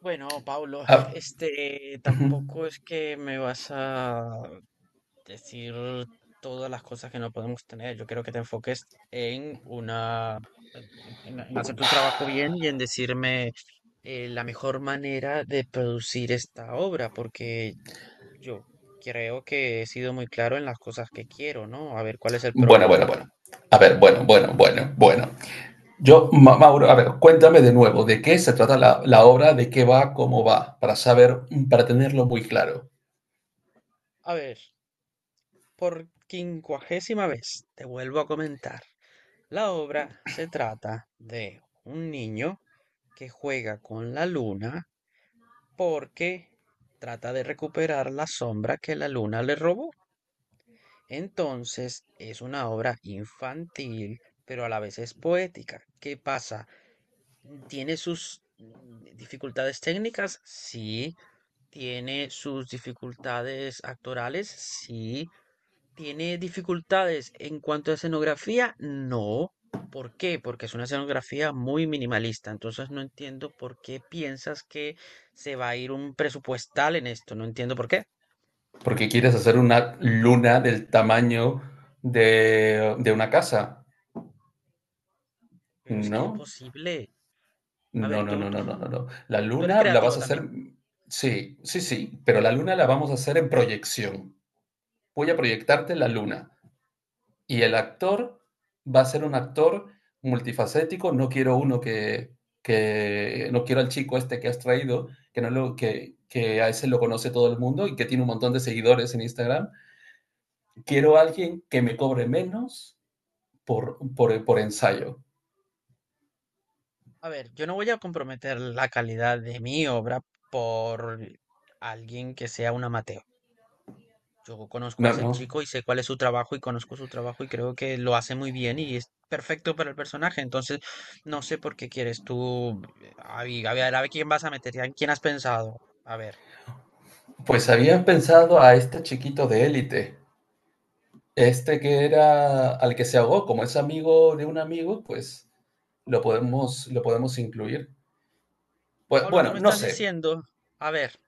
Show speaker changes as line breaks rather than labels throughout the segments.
Bueno, Pablo,
Ah, ujú.
tampoco es que me vas a decir todas las cosas que no podemos tener. Yo quiero que te enfoques en una, en hacer tu trabajo bien y en decirme la mejor manera de producir esta obra, porque yo creo que he sido muy claro en las cosas que quiero, ¿no? A ver, ¿cuál es el problema?
Bueno. A ver, bueno. Yo, Mauro, a ver, cuéntame de nuevo, ¿de qué se trata la obra? ¿De qué va? ¿Cómo va? Para saber, para tenerlo muy claro.
A ver. Por quincuagésima vez te vuelvo a comentar. La obra se trata de un niño que juega con la luna porque trata de recuperar la sombra que la luna le robó. Entonces es una obra infantil, pero a la vez es poética. ¿Qué pasa? ¿Tiene sus dificultades técnicas? Sí. ¿Tiene sus dificultades actorales? Sí. ¿Tiene dificultades en cuanto a escenografía? No. ¿Por qué? Porque es una escenografía muy minimalista. Entonces no entiendo por qué piensas que se va a ir un presupuestal en esto. No entiendo por qué.
Porque quieres hacer una luna del tamaño de una casa,
Pero es que es
¿no?
posible. A ver, tú,
No. La
tú eres
luna la vas
creativo
a
también.
hacer, sí, pero la luna la vamos a hacer en proyección. Voy a proyectarte la luna. Y el actor va a ser un actor multifacético. No quiero uno que No quiero al chico este que has traído, que, no lo, que a ese lo conoce todo el mundo y que tiene un montón de seguidores en Instagram. Quiero a alguien que me cobre menos por ensayo.
A ver, yo no voy a comprometer la calidad de mi obra por alguien que sea un amateur. Yo conozco a
No,
ese
no.
chico y sé cuál es su trabajo y conozco su trabajo y creo que lo hace muy bien y es perfecto para el personaje. Entonces, no sé por qué quieres tú. A ver, a ver quién vas a meter, ¿en quién has pensado? A ver.
Pues había pensado a este chiquito de élite, este que era al que se ahogó, como es amigo de un amigo, pues lo podemos incluir. Pues,
Pablo, tú
bueno,
me
no
estás
sé.
diciendo. A ver,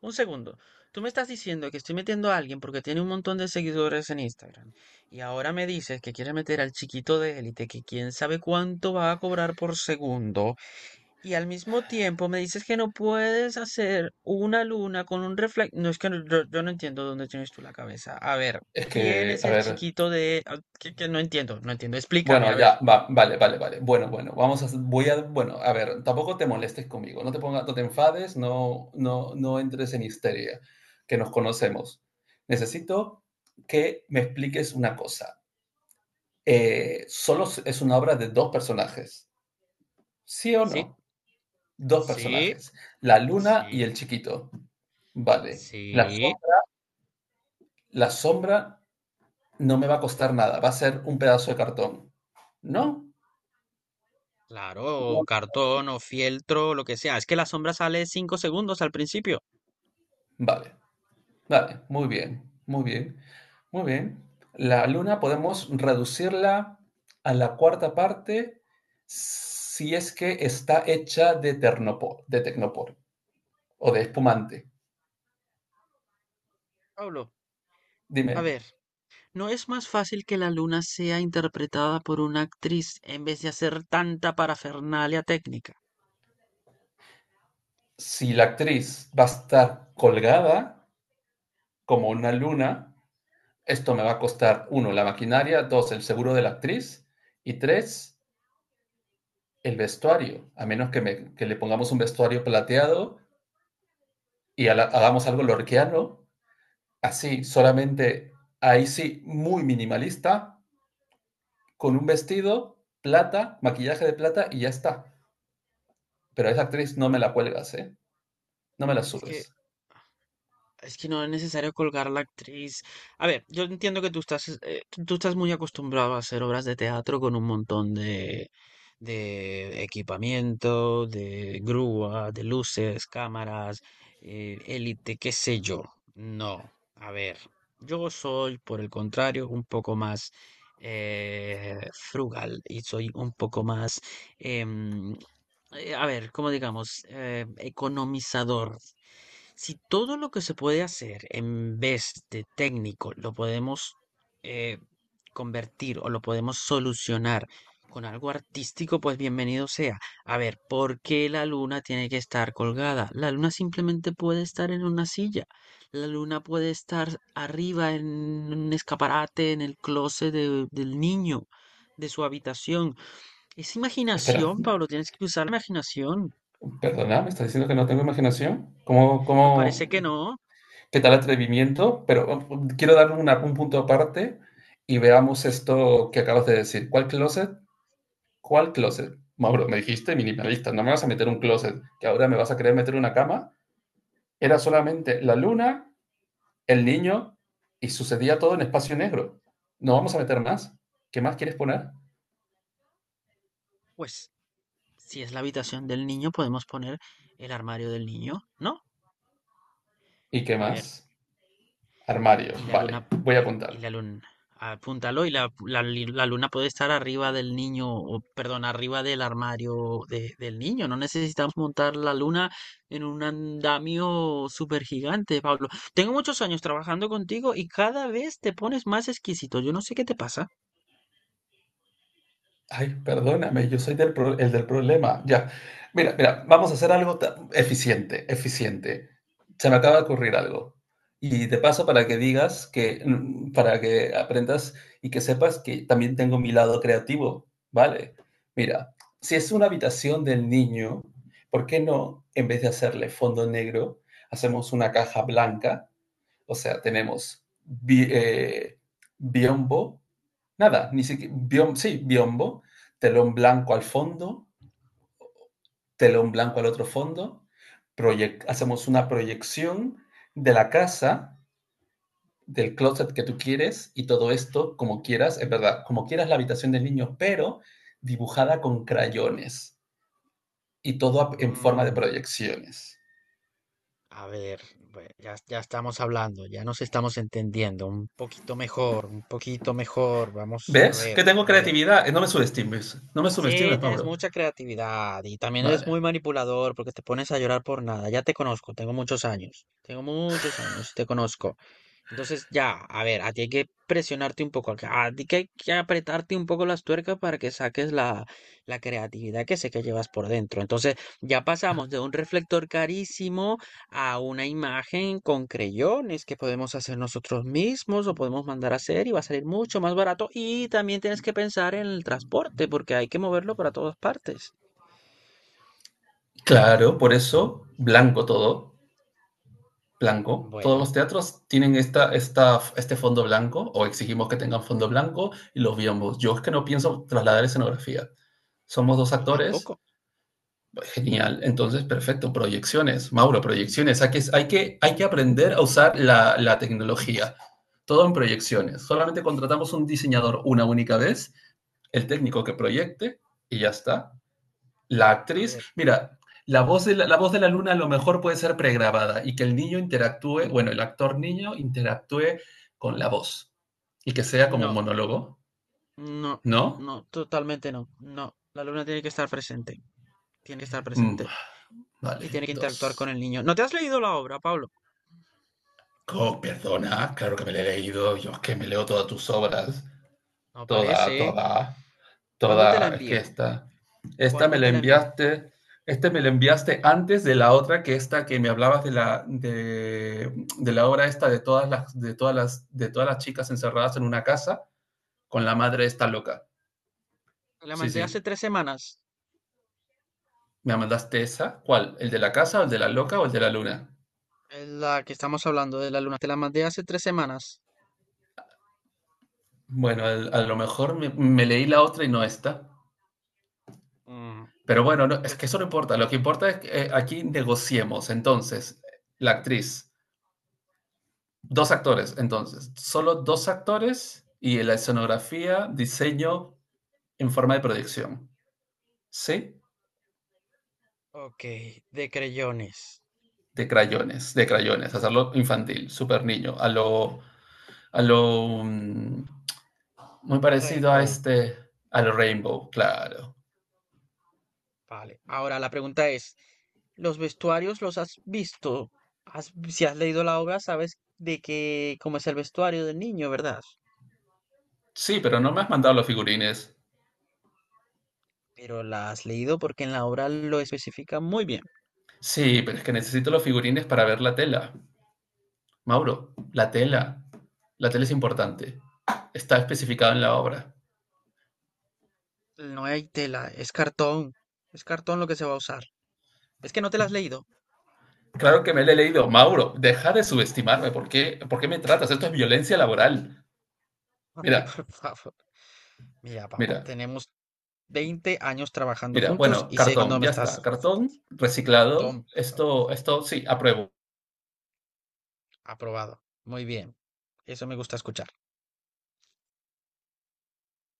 un segundo. Tú me estás diciendo que estoy metiendo a alguien porque tiene un montón de seguidores en Instagram. Y ahora me dices que quieres meter al chiquito de élite, que quién sabe cuánto va a cobrar por segundo. Y al mismo tiempo me dices que no puedes hacer una luna con un reflector. No es que yo no entiendo dónde tienes tú la cabeza. A ver,
Es
¿quién
que,
es
a
el
ver,
chiquito de... ah, que no entiendo, no entiendo. Explícame,
bueno,
a ver.
ya, va, vale. Bueno, bueno, vamos a, voy a, bueno, A ver, tampoco te molestes conmigo, no te pongas, no te enfades, no entres en histeria, que nos conocemos. Necesito que me expliques una cosa. Solo es una obra de dos personajes, ¿sí o
Sí,
no? Dos
sí,
personajes, la luna y
sí,
el chiquito. Vale. La, so-
sí.
la sombra no me va a costar nada, va a ser un pedazo de cartón, ¿no?
Claro, o cartón o fieltro, lo que sea. Es que la sombra sale 5 segundos al principio.
Vale. Vale, muy bien, muy bien, Muy bien. La luna podemos reducirla a la cuarta parte si es que está hecha de, ternopor de tecnopor o de espumante.
Pablo,
Dime,
a ver, ¿no es más fácil que la luna sea interpretada por una actriz en vez de hacer tanta parafernalia técnica?
si la actriz va a estar colgada como una luna, esto me va a costar: uno, la maquinaria; dos, el seguro de la actriz; y tres, el vestuario, a menos que, que le pongamos un vestuario plateado y hagamos algo lorquiano. Así, solamente ahí sí, muy minimalista, con un vestido, plata, maquillaje de plata y ya está. Pero a esa actriz no
A
me
ver,
la cuelgas, ¿eh? No me la
es que
subes.
Es que no es necesario colgar a la actriz. A ver, yo entiendo que tú estás muy acostumbrado a hacer obras de teatro con un montón de equipamiento, de grúa, de luces, cámaras, élite, qué sé yo. No, a ver, yo soy, por el contrario, un poco más frugal y soy un poco más, em, a ver, ¿cómo digamos? Economizador. Si todo lo que se puede hacer en vez de técnico lo podemos eh, convertir o lo podemos solucionar con algo artístico, pues bienvenido sea. A ver, ¿por qué la luna tiene que estar colgada? La luna simplemente puede estar en una silla. La luna puede estar arriba en un escaparate, en el del niño, de su habitación. Es
Espera,
imaginación, Pablo, tienes que usar la imaginación.
perdona, ¿me estás diciendo que no tengo imaginación?
Pues parece que no.
¿Qué tal atrevimiento? Pero quiero darle un punto aparte y veamos esto que acabas de decir. ¿Cuál closet? ¿Cuál closet? Mauro, me dijiste minimalista, no me vas a meter un closet, que ahora me vas a querer meter una cama. Era solamente la luna, el niño y sucedía todo en espacio negro. No vamos a meter más. ¿Qué más quieres poner?
Pues si es la habitación del niño, podemos poner el armario del niño, ¿no?
¿Y qué
A ver,
más? Armario. Vale, voy a
y
apuntar.
la luna, apúntalo, y la luna puede estar arriba del niño, o perdón, arriba del del niño. No necesitamos montar la luna en un andamio súper gigante, Pablo. Tengo muchos años trabajando contigo y cada vez te pones más exquisito. Yo no sé qué te pasa.
Ay, perdóname, yo soy el del problema. Ya. Vamos a hacer algo eficiente, eficiente. Se me acaba de ocurrir algo. Y de paso para que digas que, para que aprendas y que sepas que también tengo mi lado creativo, ¿vale? Mira, si es una habitación del niño, ¿por qué no, en vez de hacerle fondo negro, hacemos una caja blanca? O sea, tenemos biombo, nada, ni siquiera, sí, biombo, telón blanco al fondo, telón blanco al otro fondo, hacemos una proyección de la casa, del closet que tú quieres, y todo esto como quieras, es verdad, como quieras la habitación del niño, pero dibujada con crayones y todo en forma de
Mm.
proyecciones.
A ver, ya, ya estamos hablando, ya nos estamos entendiendo un poquito mejor, un poquito mejor. Vamos a
¿Ves?
ver,
Que tengo
a ver.
creatividad. No me subestimes. No me
Sí,
subestimes,
tienes
Mauro.
mucha creatividad y también eres muy
Vale.
manipulador porque te pones a llorar por nada. Ya te conozco, tengo muchos años y te conozco. Entonces, ya, a ver, a ti hay que presionarte un poco, a ti que hay que apretarte un poco las tuercas para que saques la creatividad que sé que llevas por dentro. Entonces, ya pasamos de un reflector carísimo a una imagen con creyones que podemos hacer nosotros mismos o podemos mandar a hacer y va a salir mucho más barato. Y también tienes que pensar en el transporte porque hay que moverlo para todas partes.
Claro, por eso, blanco todo, blanco. Todos los
Bueno,
teatros tienen este fondo blanco o exigimos que tengan fondo blanco y los vemos. Yo es que no pienso trasladar escenografía. Somos dos
yo
actores,
tampoco.
genial, entonces perfecto, proyecciones, Mauro, proyecciones. Hay que aprender a usar la tecnología. Todo en proyecciones. Solamente contratamos un diseñador una única vez, el técnico que proyecte y ya está. La
A
actriz,
ver,
mira, la voz de la luna a lo mejor puede ser pregrabada y que el niño interactúe, bueno, el actor niño interactúe con la voz y que sea como un
no,
monólogo,
no,
¿no?
no, totalmente no. La luna tiene que estar presente. Tiene que estar
Mm,
presente y
vale,
tiene que interactuar con
dos.
el niño. ¿No te has leído la obra, Pablo?
Oh, perdona, claro que me la he leído, yo es que me leo
Pues no,
todas tus obras,
no
toda,
parece.
toda.
¿Cuándo te la
Es que
envié?
esta, esta me
¿Cuándo te
la
la envié?
enviaste, este me la enviaste antes de la otra, que esta que me hablabas de de la obra esta de de todas las chicas encerradas en una casa con la madre esta loca.
Te la
Sí,
mandé hace
sí.
3 semanas.
¿Me mandaste esa? ¿Cuál? ¿El de la casa, o el de la loca o el de la luna?
Es la que estamos hablando de la luna. Te la mandé hace tres semanas.
Bueno, a lo mejor me leí la otra y no esta.
Mm,
Pero bueno, no, es que
pues,
eso no importa. Lo que importa es que aquí negociemos. Entonces, la actriz. Dos actores, entonces. Solo dos actores y la escenografía, diseño en forma de proyección. ¿Sí?
ok. De creyones.
De crayones, de crayones. Hacerlo infantil, súper niño. A lo. mm, Muy parecido a
Rainbow.
este. A lo Rainbow, claro.
Vale. Ahora la pregunta es, ¿los vestuarios los has visto? Si has leído la obra, sabes de qué, cómo es el vestuario del niño, ¿verdad?
Sí, pero no me has mandado los figurines.
Pero la has leído porque en la obra lo especifica muy bien.
Sí, pero es que necesito los figurines para ver la tela. Mauro, la tela. La tela es importante. Está especificado en la obra.
No hay tela, es cartón. Es cartón lo que se va a usar. Es que no te la has leído.
Claro que me lo he leído. Mauro, deja de subestimarme. ¿Por qué me tratas? Esto es violencia laboral.
Ay, por
Mira,
favor. Mira, Pau,
mira,
tenemos 20 años trabajando
Mira.
juntos
Bueno,
y sé cuándo
cartón,
me
ya
estás...
está. Cartón
Cartón,
reciclado.
por favor.
Esto sí, apruebo.
Aprobado. Muy bien. Eso me gusta escuchar.